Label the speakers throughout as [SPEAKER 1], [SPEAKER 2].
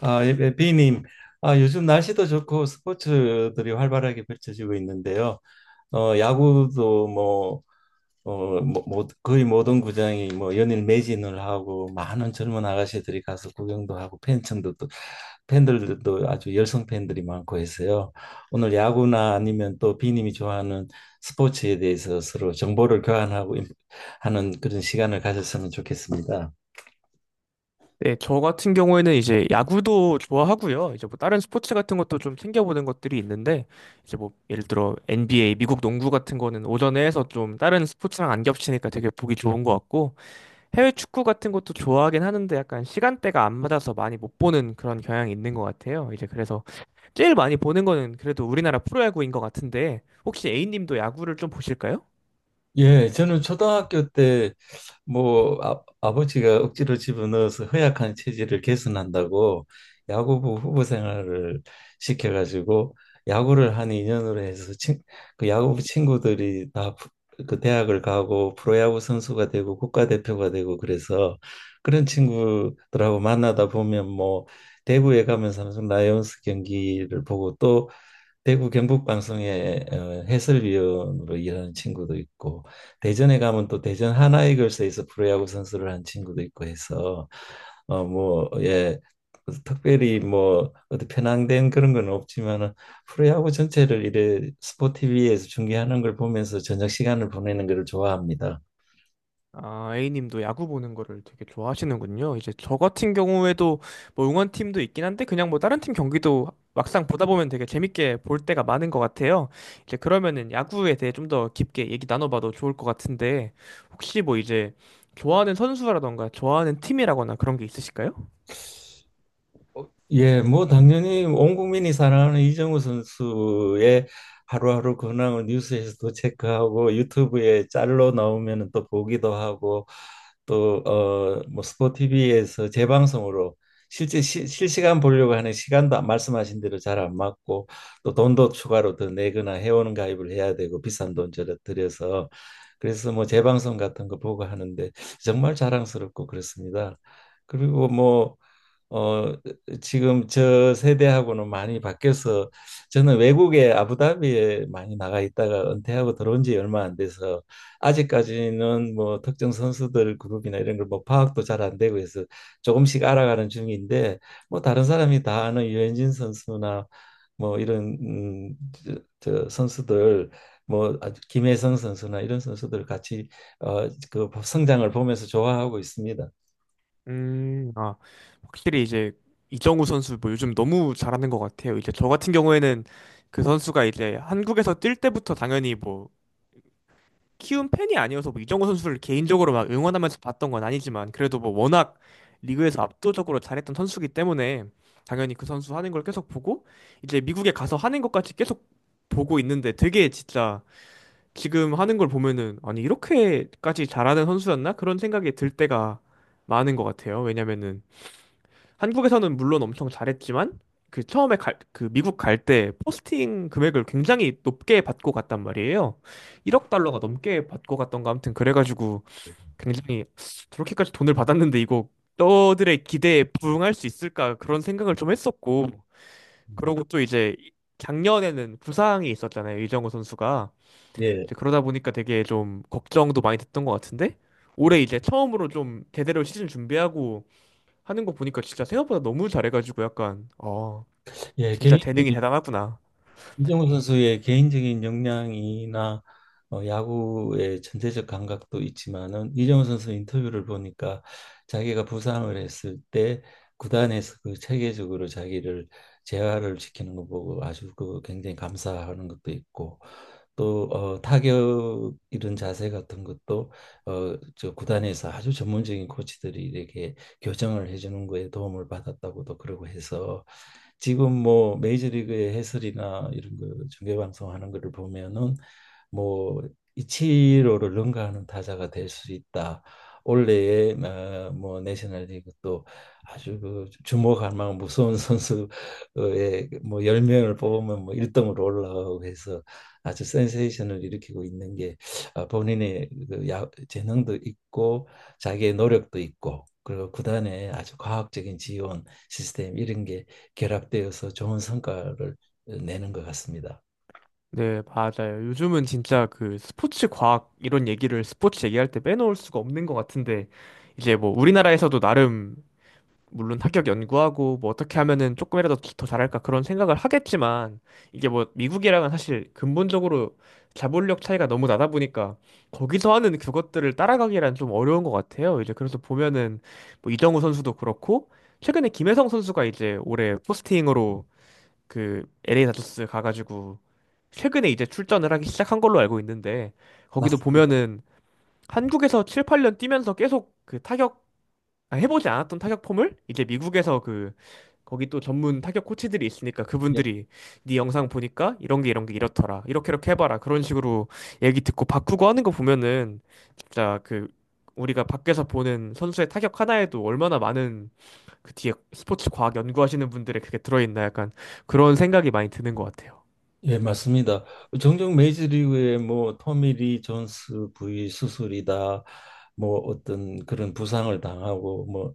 [SPEAKER 1] 아, 예, 예, 비님. 아, 요즘 날씨도 좋고 스포츠들이 활발하게 펼쳐지고 있는데요. 야구도 뭐 거의 모든 구장이 뭐 연일 매진을 하고, 많은 젊은 아가씨들이 가서 구경도 하고 팬층도, 또 팬들도 아주 열성 팬들이 많고 해서요. 오늘 야구나 아니면 또 비님이 좋아하는 스포츠에 대해서 서로 정보를 교환하고 하는, 그런 시간을 가졌으면 좋겠습니다.
[SPEAKER 2] 네, 저 같은 경우에는 이제 야구도 좋아하고요. 이제 뭐 다른 스포츠 같은 것도 좀 챙겨보는 것들이 있는데, 이제 뭐 예를 들어 NBA, 미국 농구 같은 거는 오전에 해서 좀 다른 스포츠랑 안 겹치니까 되게 보기 좋은 것 같고, 해외 축구 같은 것도 좋아하긴 하는데 약간 시간대가 안 맞아서 많이 못 보는 그런 경향이 있는 것 같아요. 이제 그래서 제일 많이 보는 거는 그래도 우리나라 프로야구인 것 같은데, 혹시 A님도 야구를 좀 보실까요?
[SPEAKER 1] 예, 저는 초등학교 때 뭐 아버지가 억지로 집어넣어서 허약한 체질을 개선한다고 야구부 후보 생활을 시켜가지고 야구를 한 인연으로 해서, 그 야구부 친구들이 다 그 대학을 가고 프로야구 선수가 되고 국가대표가 되고 그래서, 그런 친구들하고 만나다 보면 뭐 대구에 가면 삼성 라이온스 경기를 보고, 또 대구 경북 방송의 해설위원으로 일하는 친구도 있고, 대전에 가면 또 대전 하나이글스에서 프로야구 선수를 한 친구도 있고 해서 뭐 예, 특별히 뭐 어디 편향된 그런 건 없지만은 프로야구 전체를 이래 스포티비에서 중계하는 걸 보면서 저녁 시간을 보내는 걸 좋아합니다.
[SPEAKER 2] 아, A님도 야구 보는 거를 되게 좋아하시는군요. 이제 저 같은 경우에도 뭐 응원팀도 있긴 한데 그냥 뭐 다른 팀 경기도 막상 보다 보면 되게 재밌게 볼 때가 많은 것 같아요. 이제 그러면은 야구에 대해 좀 더 깊게 얘기 나눠봐도 좋을 것 같은데 혹시 뭐 이제 좋아하는 선수라던가 좋아하는 팀이라거나 그런 게 있으실까요?
[SPEAKER 1] 예, 뭐 당연히 온 국민이 사랑하는 이정우 선수의 하루하루 근황을 뉴스에서도 체크하고 유튜브에 짤로 나오면 또 보기도 하고, 또 뭐 스포티비에서 재방송으로 실제 실시간 보려고 하는 시간도 말씀하신 대로 잘 안 맞고, 또 돈도 추가로 더 내거나 회원 가입을 해야 되고 비싼 돈 저러 들여서, 그래서 뭐 재방송 같은 거 보고 하는데 정말 자랑스럽고 그렇습니다. 그리고 뭐어 지금 저 세대하고는 많이 바뀌어서, 저는 외국에 아부다비에 많이 나가 있다가 은퇴하고 들어온 지 얼마 안 돼서 아직까지는 뭐 특정 선수들 그룹이나 이런 걸 뭐 파악도 잘 안 되고 해서 조금씩 알아가는 중인데, 뭐 다른 사람이 다 아는 유현진 선수나 뭐 이런 저 선수들, 뭐 아주 김혜성 선수나 이런 선수들 같이 그 성장을 보면서 좋아하고 있습니다.
[SPEAKER 2] 아, 확실히 이제 이정우 선수 뭐 요즘 너무 잘하는 것 같아요. 이제 저 같은 경우에는 그 선수가 이제 한국에서 뛸 때부터 당연히 뭐 키운 팬이 아니어서 뭐 이정후 선수를 개인적으로 막 응원하면서 봤던 건 아니지만, 그래도 뭐 워낙 리그에서 압도적으로 잘했던 선수기 때문에 당연히 그 선수 하는 걸 계속 보고, 이제 미국에 가서 하는 것까지 계속 보고 있는데, 되게 진짜 지금 하는 걸 보면은 아니 이렇게까지 잘하는 선수였나? 그런 생각이 들 때가 많은 것 같아요. 왜냐면은 한국에서는 물론 엄청 잘했지만 그 미국 갈 때 포스팅 금액을 굉장히 높게 받고 갔단 말이에요. 1억 달러가 넘게 받고 갔던가, 아무튼 그래가지고 굉장히 저렇게까지 돈을 받았는데 이거 너들의 기대에 부응할 수 있을까, 그런 생각을 좀 했었고, 그러고 또 이제 작년에는 부상이 있었잖아요. 이정우 선수가.
[SPEAKER 1] 예,
[SPEAKER 2] 이제 그러다 보니까 되게 좀 걱정도 많이 됐던 것 같은데, 올해 이제 처음으로 좀 제대로 시즌 준비하고 하는 거 보니까 진짜 생각보다 너무 잘해가지고 약간
[SPEAKER 1] 예,
[SPEAKER 2] 진짜
[SPEAKER 1] 개인
[SPEAKER 2] 재능이 대단하구나.
[SPEAKER 1] 이정우 선수의 개인적인 역량이나 야구의 전체적 감각도 있지만은, 이정우 선수 인터뷰를 보니까 자기가 부상을 했을 때 구단에서 그 체계적으로 자기를 재활을 시키는 거 보고 아주 그 굉장히 감사하는 것도 있고, 또 타격 이런 자세 같은 것도 저 구단에서 아주 전문적인 코치들이 이렇게 교정을 해주는 거에 도움을 받았다고도 그러고 해서 지금 뭐 메이저리그의 해설이나 이런 거 중계 방송하는 거를 보면은, 뭐 이치로를 능가하는 타자가 될 수 있다, 올해의 뭐 내셔널리그 또 아주 그 주목할 만한 무서운 선수의 뭐 10명을 뽑으면 뭐 1등으로 올라가고 해서 아주 센세이션을 일으키고 있는 게, 아, 본인의 그 재능도 있고 자기의 노력도 있고, 그리고 구단의 아주 과학적인 지원 시스템 이런 게 결합되어서 좋은 성과를 내는 것 같습니다.
[SPEAKER 2] 네, 맞아요. 요즘은 진짜 그 스포츠 과학 이런 얘기를 스포츠 얘기할 때 빼놓을 수가 없는 것 같은데, 이제 뭐 우리나라에서도 나름 물론 합격 연구하고 뭐 어떻게 하면은 조금이라도 더 잘할까 그런 생각을 하겠지만, 이게 뭐 미국이랑은 사실 근본적으로 자본력 차이가 너무 나다 보니까 거기서 하는 그것들을 따라가기란 좀 어려운 것 같아요. 이제 그래서 보면은 뭐 이정우 선수도 그렇고, 최근에 김혜성 선수가 이제 올해 포스팅으로 그 LA 다저스 가가지고 최근에 이제 출전을 하기 시작한 걸로 알고 있는데, 거기도
[SPEAKER 1] 맞습니다.
[SPEAKER 2] 보면은 한국에서 7, 8년 뛰면서 계속 그 타격 아, 해보지 않았던 타격 폼을 이제 미국에서 그 거기 또 전문 타격 코치들이 있으니까,
[SPEAKER 1] 예.
[SPEAKER 2] 그분들이 네 영상 보니까 이런 게 이렇더라, 이렇게 이렇게 해봐라, 그런 식으로 얘기 듣고 바꾸고 하는 거 보면은 진짜 그 우리가 밖에서 보는 선수의 타격 하나에도 얼마나 많은 그 뒤에 스포츠 과학 연구하시는 분들의 그게 들어있나, 약간 그런 생각이 많이 드는 것 같아요.
[SPEAKER 1] 예, 맞습니다. 종종 메이저리그에 뭐 토미 리 존스 부위 수술이다, 뭐 어떤 그런 부상을 당하고 뭐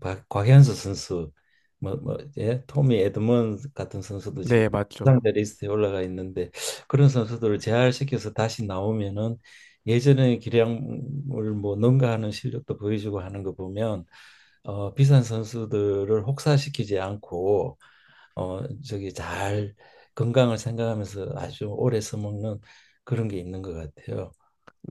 [SPEAKER 1] 곽현수 선수, 뭐 예, 토미 에드먼 같은 선수도 지금
[SPEAKER 2] 네, 맞죠.
[SPEAKER 1] 부상자 리스트에 올라가 있는데, 그런 선수들을 재활시켜서 다시 나오면은 예전의 기량을 뭐 능가하는 실력도 보여주고 하는 거 보면 비싼 선수들을 혹사시키지 않고 어 저기 잘 건강을 생각하면서 아주 오래 써먹는 그런 게 있는 것 같아요.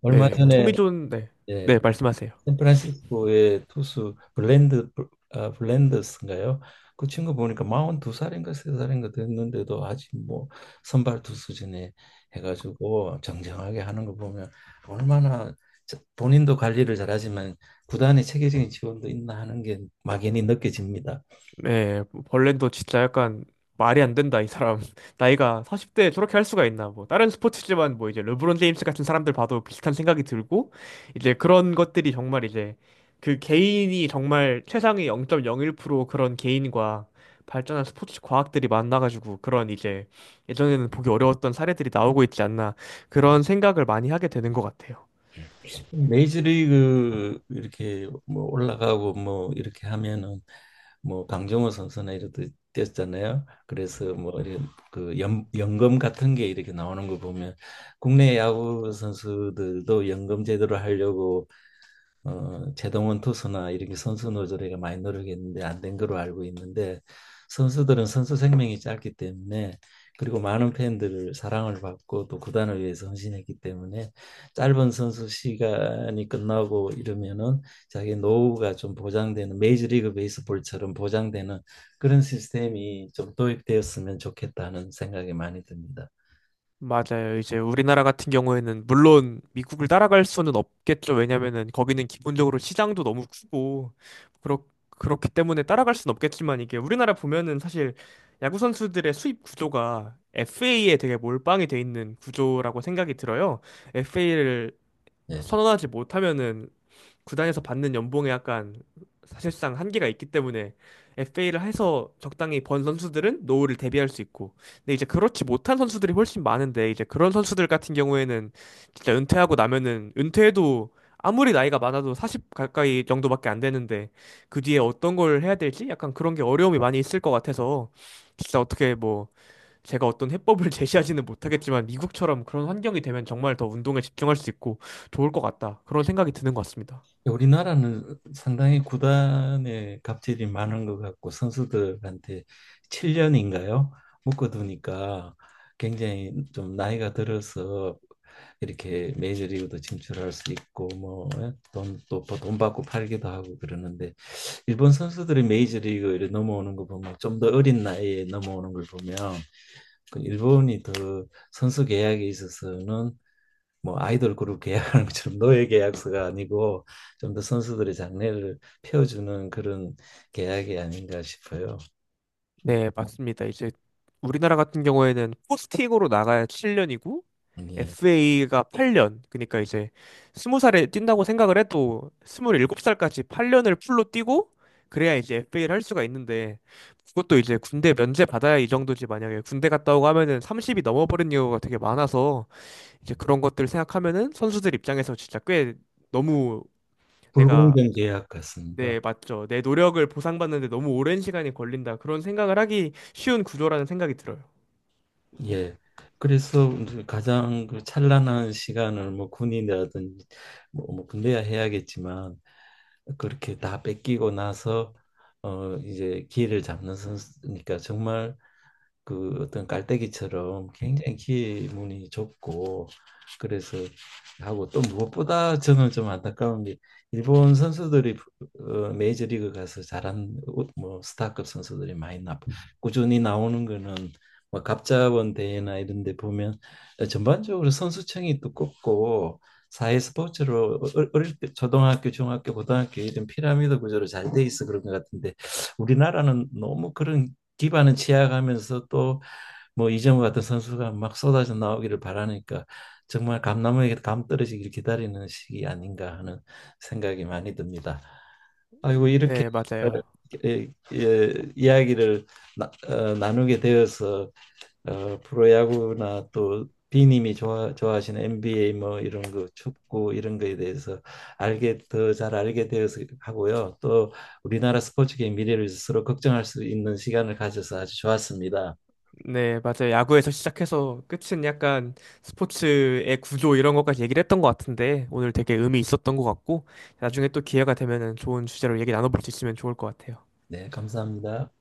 [SPEAKER 1] 얼마
[SPEAKER 2] 네,
[SPEAKER 1] 전에,
[SPEAKER 2] 토미존, 네,
[SPEAKER 1] 예,
[SPEAKER 2] 네, 말씀하세요.
[SPEAKER 1] 샌프란시스코의 투수 블랜드, 아, 블랜더스인가요? 그 친구 보니까 42살인가 3살인가 됐는데도 아직 뭐 선발 투수진에 해가지고 정정하게 하는 거 보면 얼마나, 본인도 관리를 잘하지만 구단의 체계적인 지원도 있나 하는 게 막연히 느껴집니다.
[SPEAKER 2] 네, 벌렌도 진짜 약간 말이 안 된다, 이 사람. 나이가 40대에 저렇게 할 수가 있나. 뭐, 다른 스포츠지만 뭐 이제 르브론 제임스 같은 사람들 봐도 비슷한 생각이 들고, 이제 그런 것들이 정말 이제 그 개인이 정말 최상의 0.01% 그런 개인과 발전한 스포츠 과학들이 만나가지고 그런 이제 예전에는 보기 어려웠던 사례들이 나오고 있지 않나, 그런 생각을 많이 하게 되는 것 같아요.
[SPEAKER 1] 메이저리그 이렇게 뭐 올라가고 뭐 이렇게 하면은 뭐 강정호 선수나 이렇듯 뛰었잖아요. 그래서 뭐 이런 그 연금 같은 게 이렇게 나오는 거 보면 국내 야구 선수들도 연금 제도를 하려고 제동원 투수나 이렇게 선수 노조리가 많이 노력했는데 안 된 걸로 알고 있는데, 선수들은 선수 생명이 짧기 때문에, 그리고 많은 팬들을 사랑을 받고 또 구단을 위해서 헌신했기 때문에 짧은 선수 시간이 끝나고 이러면은 자기 노후가 좀 보장되는, 메이저리그 베이스볼처럼 보장되는 그런 시스템이 좀 도입되었으면 좋겠다는 생각이 많이 듭니다.
[SPEAKER 2] 맞아요. 이제 우리나라 같은 경우에는 물론 미국을 따라갈 수는 없겠죠. 왜냐면은 거기는 기본적으로 시장도 너무 크고 그렇 그렇기 때문에 따라갈 수는 없겠지만, 이게 우리나라 보면은 사실 야구 선수들의 수입 구조가 FA에 되게 몰빵이 돼 있는 구조라고 생각이 들어요. FA를
[SPEAKER 1] 예.
[SPEAKER 2] 선언하지 못하면은 구단에서 받는 연봉에 약간 사실상 한계가 있기 때문에, FA를 해서 적당히 번 선수들은 노후를 대비할 수 있고, 근데 이제 그렇지 못한 선수들이 훨씬 많은데, 이제 그런 선수들 같은 경우에는 진짜 은퇴하고 나면은, 은퇴해도 아무리 나이가 많아도 40 가까이 정도밖에 안 되는데, 그 뒤에 어떤 걸 해야 될지 약간 그런 게 어려움이 많이 있을 것 같아서, 진짜 어떻게 뭐 제가 어떤 해법을 제시하지는 못하겠지만, 미국처럼 그런 환경이 되면 정말 더 운동에 집중할 수 있고 좋을 것 같다, 그런 생각이 드는 것 같습니다.
[SPEAKER 1] 우리나라는 상당히 구단의 갑질이 많은 것 같고 선수들한테 7년인가요? 묶어두니까 굉장히 좀 나이가 들어서 이렇게 메이저리그도 진출할 수 있고 뭐돈또돈 받고 팔기도 하고 그러는데, 일본 선수들이 메이저리그에 넘어오는 거 보면 좀 더 어린 나이에 넘어오는 걸 보면 그 일본이 더 선수 계약에 있어서는 뭐 아이돌 그룹 계약하는 것처럼 노예 계약서가 아니고 좀 더 선수들의 장래를 펴주는 그런 계약이 아닌가 싶어요.
[SPEAKER 2] 네, 맞습니다. 이제 우리나라 같은 경우에는 포스팅으로 나가야 7년이고
[SPEAKER 1] 예.
[SPEAKER 2] FA가 8년. 그러니까 이제 20살에 뛴다고 생각을 해도 27살까지 8년을 풀로 뛰고 그래야 이제 FA를 할 수가 있는데, 그것도 이제 군대 면제 받아야 이 정도지 만약에 군대 갔다 오고 하면은 30이 넘어버린 경우가 되게 많아서, 이제 그런 것들 생각하면은 선수들 입장에서 진짜 꽤 너무. 내가
[SPEAKER 1] 불공정 계약 같습니다.
[SPEAKER 2] 네, 맞죠. 내 노력을 보상받는데 너무 오랜 시간이 걸린다, 그런 생각을 하기 쉬운 구조라는 생각이 들어요.
[SPEAKER 1] 예. 그래서 이제 가장 그 찬란한 시간을 뭐 군인이라든지 뭐 군대야 해야겠지만 그렇게 다 뺏기고 나서 이제 기회를 잡는 선수니까 정말 그 어떤 깔때기처럼 굉장히 기 문이 좁고, 그래서 하고, 또 무엇보다 저는 좀 안타까운 게, 일본 선수들이 메이저리그 가서 잘한 뭐 스타급 선수들이 많이 나 꾸준히 나오는 거는 뭐 갑자원 대회나 이런 데 보면 전반적으로 선수층이 두껍고 사회 스포츠로 어릴 때 초등학교, 중학교, 고등학교 이런 피라미드 구조로 잘 돼 있어 그런 것 같은데, 우리나라는 너무 그런 기반은 취약하면서 또 뭐 이정우 같은 선수가 막 쏟아져 나오기를 바라니까, 정말 감나무에게 감 떨어지기를 기다리는 시기 아닌가 하는 생각이 많이 듭니다. 아이고, 이렇게
[SPEAKER 2] 네,
[SPEAKER 1] 어,
[SPEAKER 2] 맞아요.
[SPEAKER 1] 예, 예, 이야기를 나누게 되어서, 어, 프로야구나 또 비님이 좋아하시는 NBA 뭐 이런 거 축구 이런 거에 대해서 알게, 더 잘 알게 되어서 하고요. 또 우리나라 스포츠계의 미래를 스스로 걱정할 수 있는 시간을 가져서 아주 좋았습니다.
[SPEAKER 2] 네, 맞아요. 야구에서 시작해서 끝은 약간 스포츠의 구조 이런 것까지 얘기를 했던 것 같은데 오늘 되게 의미 있었던 것 같고, 나중에 또 기회가 되면은 좋은 주제로 얘기 나눠볼 수 있으면 좋을 것 같아요.
[SPEAKER 1] 네, 감사합니다.